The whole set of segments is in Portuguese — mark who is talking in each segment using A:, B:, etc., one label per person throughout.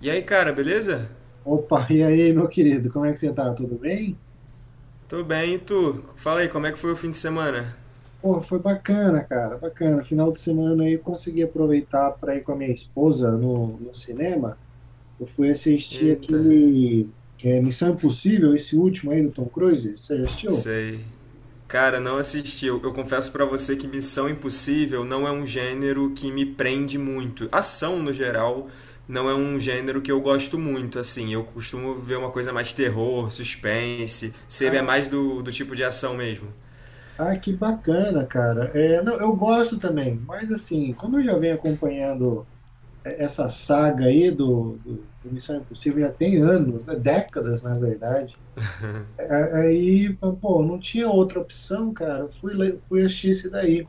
A: E aí, cara, beleza?
B: Opa, e aí, meu querido, como é que você tá? Tudo bem?
A: Tô bem, e tu? Fala aí, como é que foi o fim de semana?
B: Pô, foi bacana, cara, bacana. Final de semana aí eu consegui aproveitar para ir com a minha esposa no cinema. Eu fui assistir
A: Eita,
B: aquele Missão Impossível, esse último aí do Tom Cruise. Você já assistiu?
A: sei. Cara, não assisti. Eu confesso pra você que Missão Impossível não é um gênero que me prende muito. Ação, no geral, não é um gênero que eu gosto muito, assim. Eu costumo ver uma coisa mais terror, suspense. Você é
B: Ah,
A: mais do tipo de ação mesmo.
B: ah, que bacana, cara. É, não, eu gosto também, mas assim, como eu já venho acompanhando essa saga aí do Missão Impossível já tem anos, né? Décadas, na verdade. Aí, pô, não tinha outra opção, cara. Fui assistir esse daí.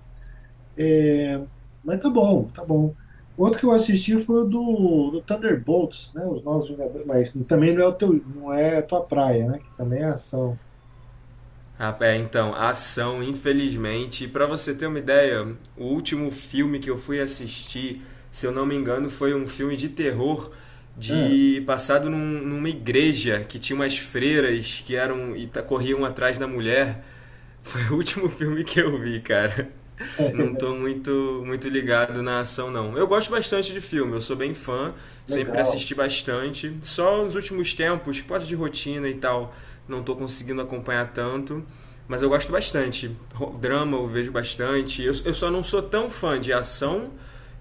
B: É, mas tá bom, tá bom. Outro que eu assisti foi o do Thunderbolts, né? Os Novos Vingadores, mas também não é o teu, não é a tua praia, né? Que também é ação.
A: Ah, é, então, a ação, infelizmente. Para você ter uma ideia, o último filme que eu fui assistir, se eu não me engano, foi um filme de terror
B: É,
A: de passado numa igreja que tinha umas freiras que eram corriam atrás da mulher. Foi o último filme que eu vi, cara
B: é
A: não tô muito ligado na ação, não. Eu gosto bastante de filme, eu sou bem fã, sempre
B: legal.
A: assisti bastante. Só nos últimos tempos, por causa de rotina e tal, não tô conseguindo acompanhar tanto. Mas eu gosto bastante. Drama eu vejo bastante. Eu só não sou tão fã de ação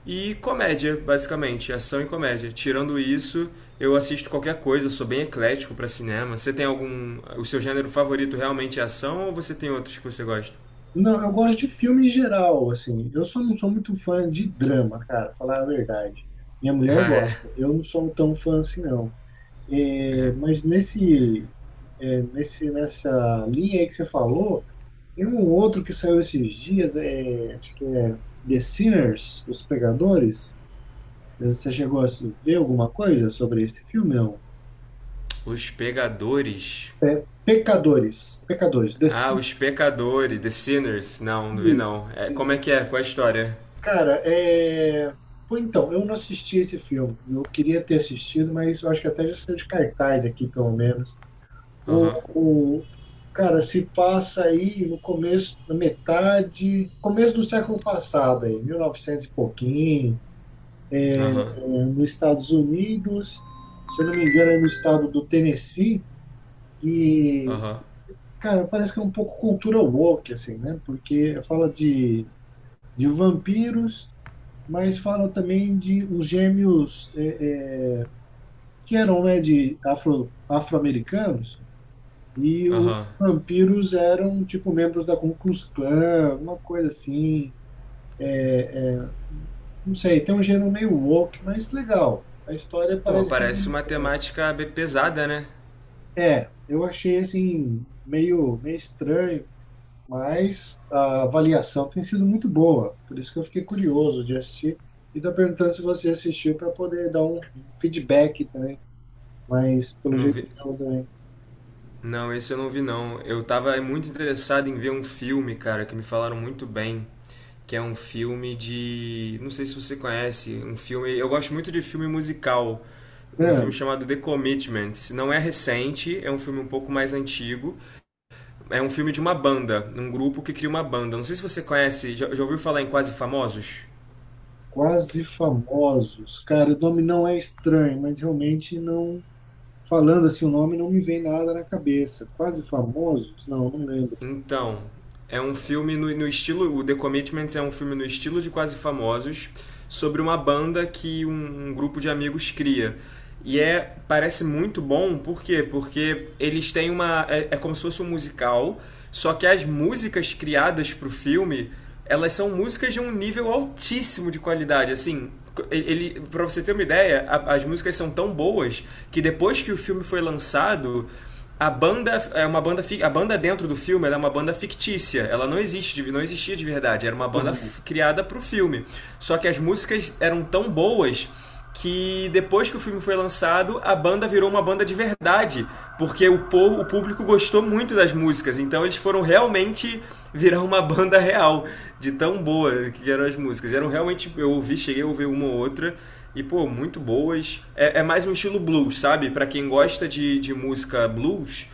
A: e comédia, basicamente. Ação e comédia. Tirando isso, eu assisto qualquer coisa, sou bem eclético pra cinema. Você tem algum. O seu gênero favorito realmente é ação ou você tem outros que você gosta?
B: Não, eu gosto de filme em geral, assim. Eu só não sou muito fã de drama, cara, falar a verdade. Minha mulher
A: Ah,
B: gosta.
A: é.
B: Eu não sou tão fã assim, não. É,
A: É.
B: mas nesse, é, nesse, nessa linha aí que você falou, tem um outro que saiu esses dias, acho que é The Sinners, Os Pecadores. Você chegou a ver alguma coisa sobre esse filme? Não.
A: Os Pegadores.
B: Pecadores, Pecadores, The
A: Ah, Os
B: Sinners.
A: Pecadores, The Sinners. Não, não vi não. É, como é que é? Qual é a história?
B: Cara, pô, então, eu não assisti esse filme. Eu queria ter assistido, mas eu acho que até já saiu de cartaz aqui, pelo menos.
A: Aham,
B: O, o- cara, se passa aí no começo, na metade, começo do século passado aí, 1900 e novecentos e pouquinho,
A: aham,
B: né, nos Estados Unidos, se eu não me engano, é no estado do Tennessee, e,
A: aham,
B: cara, parece que é um pouco cultura woke, assim, né? Porque fala de vampiros, mas fala também de uns gêmeos que eram, né, de afro-americanos, e os
A: aham.
B: vampiros eram, tipo, membros da Ku Klux Klan, uma coisa assim. Não sei, tem um gênero meio woke, mas legal. A história
A: Pô, mas
B: parece que é
A: parece uma
B: interessante.
A: temática bem pesada, né?
B: É, eu achei, assim, meio estranho, mas a avaliação tem sido muito boa. Por isso que eu fiquei curioso de assistir. E estou perguntando se você assistiu para poder dar um feedback também. Mas, pelo
A: Não
B: jeito,
A: vi.
B: não também.
A: Não, esse eu não vi não. Eu tava muito interessado em ver um filme, cara, que me falaram muito bem. Que é um filme de. Não sei se você conhece. Um filme. Eu gosto muito de filme musical. Um filme
B: Mano,
A: chamado The Commitments. Não é recente, é um filme um pouco mais antigo. É um filme de uma banda, um grupo que cria uma banda. Não sei se você conhece, já ouviu falar em Quase Famosos?
B: quase famosos. Cara, o nome não é estranho, mas realmente não. Falando assim, o nome não me vem nada na cabeça. Quase famosos? Não, não lembro.
A: Então, é um filme no estilo. O The Commitments é um filme no estilo de Quase Famosos, sobre uma banda que um grupo de amigos cria. E é, parece muito bom, por quê? Porque eles têm uma. É, é como se fosse um musical, só que as músicas criadas para o filme, elas são músicas de um nível altíssimo de qualidade. Assim, ele, pra você ter uma ideia, as músicas são tão boas que depois que o filme foi lançado a banda é uma banda a banda dentro do filme ela é uma banda fictícia ela não existe não existia de verdade era uma banda
B: Aham.
A: criada para o filme, só que as músicas eram tão boas que depois que o filme foi lançado a banda virou uma banda de verdade, porque o povo, o público gostou muito das músicas, então eles foram realmente virar uma banda real de tão boa que eram as músicas, eram realmente, eu ouvi, cheguei a ouvir uma ou outra e, pô, muito boas. É, é mais um estilo blues, sabe? Pra quem gosta de música blues,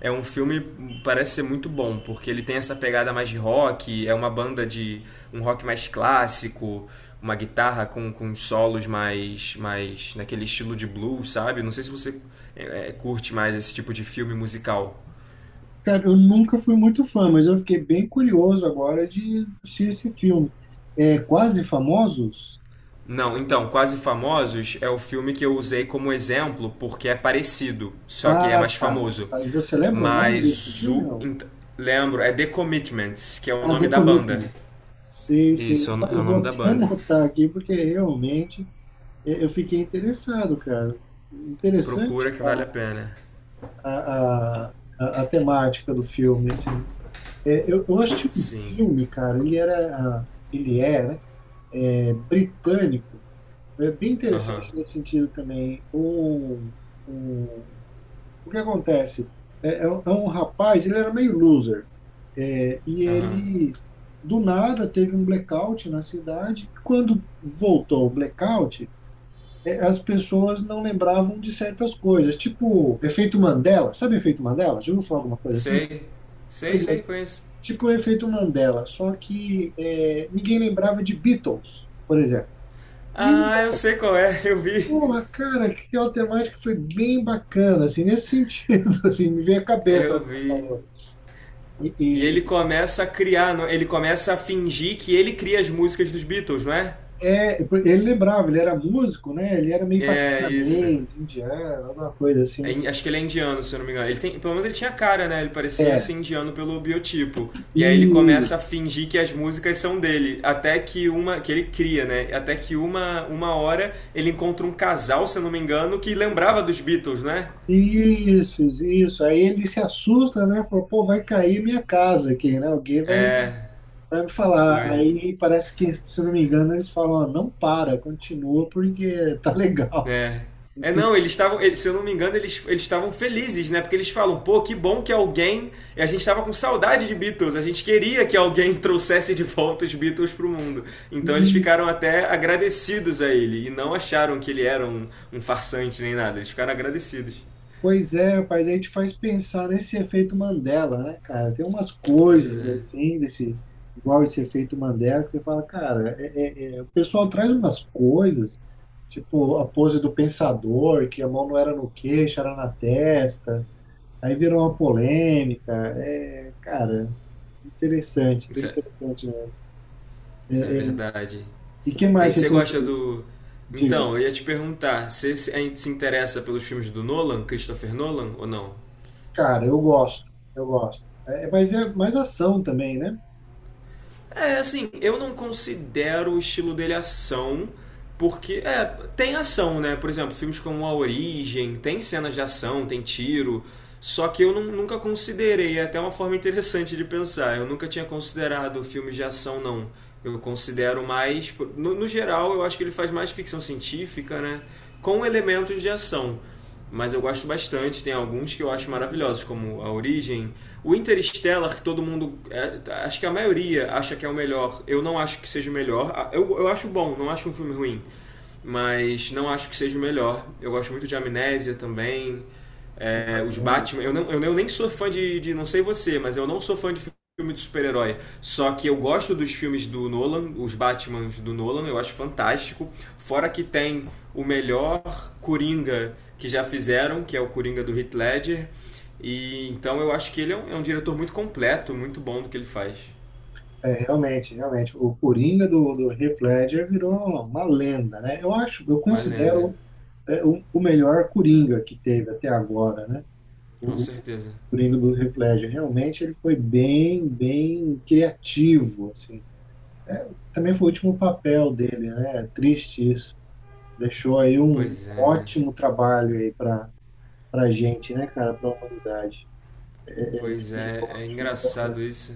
A: é um filme parece ser muito bom, porque ele tem essa pegada mais de rock, é uma banda de um rock mais clássico, uma guitarra com solos mais naquele estilo de blues, sabe? Não sei se você curte mais esse tipo de filme musical.
B: Cara, eu nunca fui muito fã, mas eu fiquei bem curioso agora de assistir esse filme. É Quase Famosos?
A: Não, então, Quase Famosos é o filme que eu usei como exemplo porque é parecido, só que é
B: Ah,
A: mais
B: tá.
A: famoso.
B: Você lembra o nome desse
A: Mas
B: filme?
A: o.
B: Não?
A: Lembro, é The Commitments, que é o
B: Ah,
A: nome
B: The
A: da banda.
B: Commitment. Sim, sim.
A: Isso, é o
B: Rapaz,
A: é
B: eu
A: o nome
B: vou
A: da
B: até
A: banda.
B: anotar aqui, porque realmente eu fiquei interessado, cara. Interessante
A: Procura que vale a pena.
B: a, a a temática do filme, assim. É, eu assisti um
A: Sim.
B: filme, cara, ele é, né, é britânico, é bem
A: Aham,
B: interessante nesse sentido também. O, o que acontece? É um rapaz, ele era meio loser, e
A: aham.
B: ele, do nada, teve um blackout na cidade. Quando voltou o blackout, as pessoas não lembravam de certas coisas, tipo efeito Mandela. Sabe efeito Mandela? Já ouviu falar alguma coisa assim?
A: Sei, sei,
B: Pois
A: sei,
B: é,
A: conheço.
B: tipo o efeito Mandela, só que ninguém lembrava de Beatles, por exemplo. E,
A: Ah, eu sei qual é, eu vi.
B: porra, cara, aquela temática foi bem bacana, assim, nesse sentido, assim, me veio a cabeça.
A: Eu
B: Ela
A: vi.
B: falou. E,
A: E ele
B: e-
A: começa a criar, ele começa a fingir que ele cria as músicas dos Beatles, não é?
B: é, ele lembrava, ele era músico, né? Ele era meio
A: É isso.
B: paquistanês, indiano, alguma coisa
A: É,
B: assim.
A: acho que ele é indiano, se eu não me engano. Ele tem, pelo menos ele tinha cara, né? Ele parecia
B: É,
A: ser indiano pelo biotipo. E aí ele começa a
B: isso,
A: fingir que as músicas são dele, até que uma que ele cria, né? Até que uma hora ele encontra um casal, se eu não me engano, que lembrava dos Beatles, né?
B: isso, isso. Aí ele se assusta, né? Falou, pô, vai cair minha casa aqui, né? Alguém vai.
A: É,
B: Vai me falar.
A: foi.
B: Aí parece que, se eu não me engano, eles falam, ó, não para, continua porque tá legal.
A: É. É,
B: Esse-
A: não, eles estavam, se eu não me engano, eles estavam felizes, né? Porque eles falam, pô, que bom que alguém. E a gente estava com saudade de Beatles, a gente queria que alguém trouxesse de volta os Beatles pro mundo. Então eles
B: Hum,
A: ficaram até agradecidos a ele e não acharam que ele era um farsante nem nada, eles ficaram agradecidos.
B: Pois é, rapaz, aí te faz pensar nesse efeito Mandela, né, cara? Tem umas
A: Pois
B: coisas
A: é,
B: assim, desse, igual esse efeito Mandela, que você fala, cara, o pessoal traz umas coisas, tipo a pose do pensador, que a mão não era no queixo, era na testa, aí virou uma polêmica. É, cara, interessante,
A: isso
B: bem
A: é,
B: interessante,
A: isso é
B: né?
A: verdade.
B: E que
A: Tem,
B: mais você
A: você
B: tem?
A: gosta do.
B: Diga.
A: Então, eu ia te perguntar, você se interessa pelos filmes do Nolan, Christopher Nolan, ou não?
B: Cara, eu gosto, eu gosto. É, mas é mais ação também, né?
A: É, assim, eu não considero o estilo dele ação, porque é, tem ação, né? Por exemplo, filmes como A Origem, tem cenas de ação, tem tiro, só que eu nunca considerei, é até uma forma interessante de pensar. Eu nunca tinha considerado filmes de ação, não. Eu considero mais. No geral, eu acho que ele faz mais ficção científica, né? Com elementos de ação, mas eu gosto bastante. Tem alguns que eu acho maravilhosos, como A Origem. O Interstellar, que todo mundo. É, acho que a maioria acha que é o melhor. Eu não acho que seja o melhor. Ah, eu acho bom, não acho um filme ruim. Mas não acho que seja o melhor. Eu gosto muito de Amnésia também.
B: É
A: É, os
B: bacana.
A: Batman. Eu, não, eu nem sou fã de. Não sei você, mas eu não sou fã de filme de super-herói. Só que eu gosto dos filmes do Nolan, os Batmans do Nolan, eu acho fantástico. Fora que tem o melhor Coringa que já fizeram, que é o Coringa do Heath Ledger. E então eu acho que ele é é um diretor muito completo, muito bom do que ele faz.
B: É, realmente, realmente. O Coringa do Heath Ledger virou uma lenda, né? Eu acho, eu
A: Uma lenda,
B: considero o melhor Coringa que teve até agora, né?
A: com
B: O
A: certeza.
B: Coringa do Heath Ledger. Realmente ele foi bem, bem criativo, assim. É, também foi o último papel dele, né? É triste isso. Deixou aí um
A: Pois é, né?
B: ótimo trabalho aí para pra gente, né, cara, pra humanidade.
A: Pois é, é engraçado isso.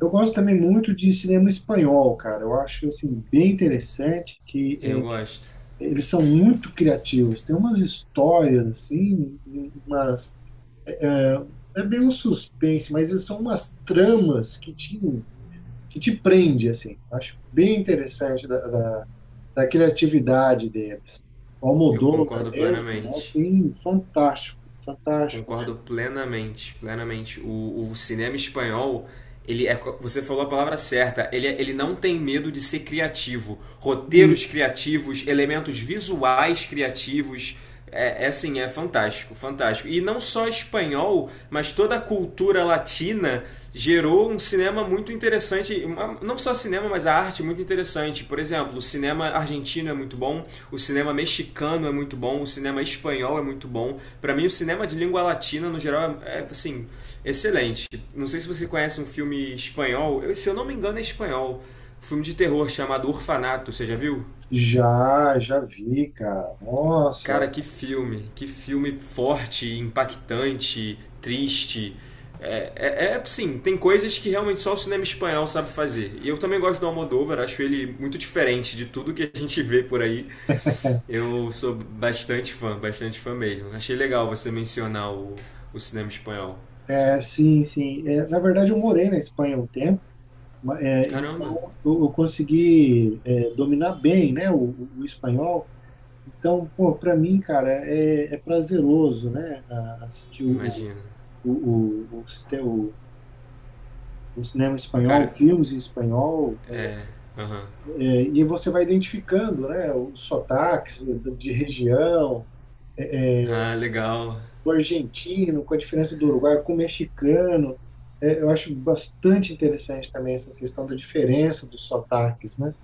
B: Eu gosto também muito de cinema espanhol, cara. Eu acho assim bem interessante que
A: Eu gosto.
B: eles são muito criativos. Tem umas histórias assim, umas é bem um suspense, mas são umas tramas que te prende, assim. Acho bem interessante da da criatividade deles. O
A: Eu
B: Almodóvar
A: concordo
B: mesmo, né?
A: plenamente.
B: Assim, fantástico, fantástico.
A: Concordo plenamente, plenamente. O cinema espanhol, ele é, você falou a palavra certa, ele, ele não tem medo de ser criativo. Roteiros criativos, elementos visuais criativos, é, é assim, é fantástico, fantástico. E não só espanhol, mas toda a cultura latina gerou um cinema muito interessante, não só cinema, mas a arte muito interessante. Por exemplo, o cinema argentino é muito bom, o cinema mexicano é muito bom, o cinema espanhol é muito bom. Para mim, o cinema de língua latina, no geral, é, é, assim, excelente. Não sei se você conhece um filme espanhol, se eu não me engano é espanhol, um filme de terror chamado Orfanato, você já viu?
B: Já, já vi, cara.
A: Cara,
B: Nossa.
A: que filme forte, impactante, triste. É, é, é, sim, tem coisas que realmente só o cinema espanhol sabe fazer. E eu também gosto do Almodóvar, acho ele muito diferente de tudo que a gente vê por aí. Eu sou bastante fã mesmo. Achei legal você mencionar o cinema espanhol.
B: É, sim, sim. É, na verdade, eu morei na Espanha um tempo,
A: Caramba,
B: então eu consegui dominar bem, né, o espanhol. Então, pô, para mim, cara, é prazeroso, né, assistir
A: imagina.
B: o, o o cinema espanhol,
A: Cara,
B: filmes em espanhol.
A: é, aham.
B: É, e você vai identificando, né, os sotaques de região,
A: Ah, legal.
B: com o argentino, com a diferença do Uruguai, com o mexicano. É, eu acho bastante interessante também essa questão da diferença dos sotaques, né?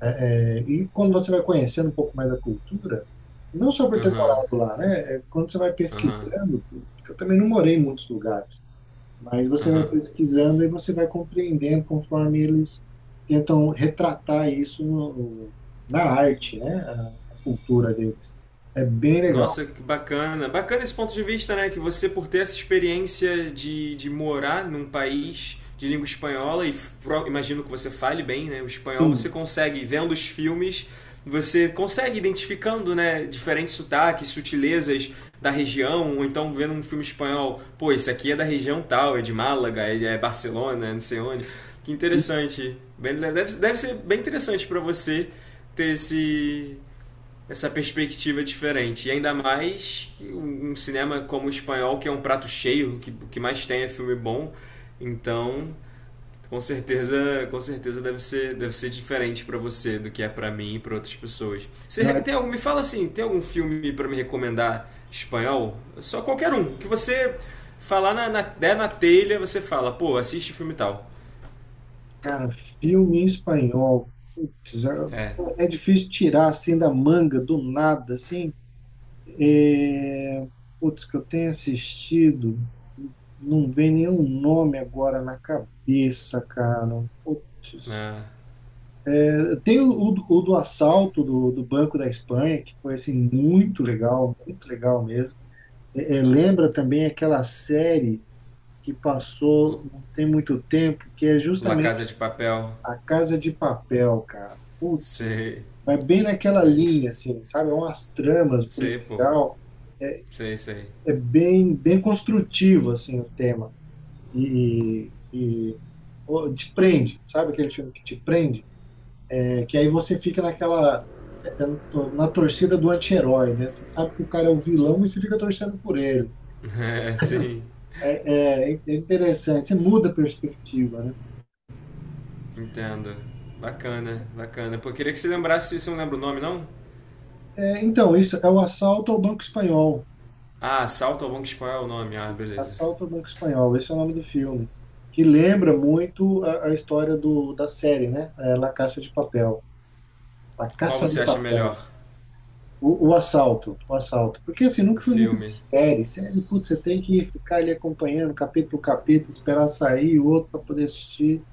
B: É, e quando você vai conhecendo um pouco mais da cultura, não só por ter
A: Aham,
B: morado lá, né? É, quando você vai
A: aham,
B: pesquisando, porque eu também não morei em muitos lugares, mas você vai
A: aham.
B: pesquisando e você vai compreendendo conforme eles tentam retratar isso na arte, né? A cultura deles. É bem legal.
A: Nossa, que bacana. Bacana esse ponto de vista, né? Que você, por ter essa experiência de morar num país de língua espanhola, e imagino que você fale bem, né? O espanhol, você
B: Sim.
A: consegue, vendo os filmes, você consegue identificando, né? Diferentes sotaques, sutilezas da região, ou então vendo um filme espanhol, pô, esse aqui é da região tal, é de Málaga, é Barcelona, é não sei onde. Que
B: E-
A: interessante. Deve, deve ser bem interessante para você ter esse, essa perspectiva diferente. E ainda mais um cinema como o espanhol, que é um prato cheio, que, o que mais tem é filme bom. Então, com certeza deve ser diferente para você do que é para mim e para outras pessoas. Você
B: não, é
A: tem algum, me fala assim, tem algum filme para me recomendar espanhol? Só qualquer um, que você falar na der na telha, você fala, pô, assiste filme tal.
B: Cara, filme em espanhol. Putz,
A: É,
B: é difícil tirar assim da manga, do nada, assim. É... Putz, que eu tenho assistido, não vem nenhum nome agora na cabeça, cara. Putz.
A: na
B: É, tem o do assalto do Banco da Espanha, que foi assim, muito legal mesmo. Lembra também aquela série que passou não tem muito tempo, que é
A: La Casa
B: justamente
A: de Papel,
B: A Casa de Papel, cara. Putz,
A: sei,
B: vai bem naquela
A: sei,
B: linha, assim, sabe? É umas tramas
A: sei, pô,
B: policial.
A: sei, sei.
B: É bem, bem construtivo, assim, o tema. E, e pô, te prende, sabe aquele filme que te prende? É que aí você fica naquela, é, na torcida do anti-herói, né? Você sabe que o cara é o vilão e você fica torcendo por ele.
A: É, sim,
B: É interessante, você muda a perspectiva, né?
A: entendo. Bacana, bacana. Pô, eu queria que você lembrasse, você não lembra o nome, não?
B: É, então, isso é o assalto ao Banco Espanhol.
A: Ah, Assalto ao Banco Espanhol é o nome. Ah, beleza.
B: Assalto ao Banco Espanhol, esse é o nome do filme. Que lembra muito a história da série, né? É, La Casa de Papel. La
A: Qual
B: Casa
A: você
B: de
A: acha
B: Papel.
A: melhor?
B: O assalto, o assalto. Porque assim, nunca
A: O
B: foi muito de
A: filme.
B: série. Série, putz, você tem que ficar ali acompanhando capítulo por capítulo, esperar sair o outro para poder assistir.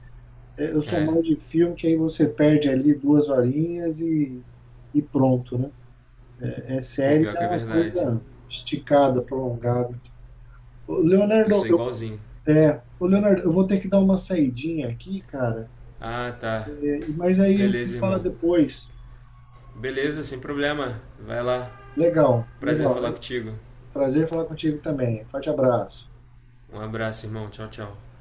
B: É, eu sou
A: É,
B: mais de filme, que aí você perde ali 2 horinhas e pronto, né? É
A: pô,
B: série,
A: pior
B: é
A: que é
B: uma
A: verdade.
B: coisa esticada, prolongada. Ô,
A: Eu
B: Leonardo.
A: sou igualzinho.
B: É, ô Leonardo, eu vou ter que dar uma saidinha aqui, cara,
A: Ah, tá.
B: mas aí a gente se
A: Beleza,
B: fala
A: irmão.
B: depois.
A: Beleza, sem problema. Vai lá.
B: Legal,
A: Prazer
B: legal.
A: falar contigo.
B: Prazer falar contigo também. Forte abraço.
A: Um abraço, irmão. Tchau, tchau.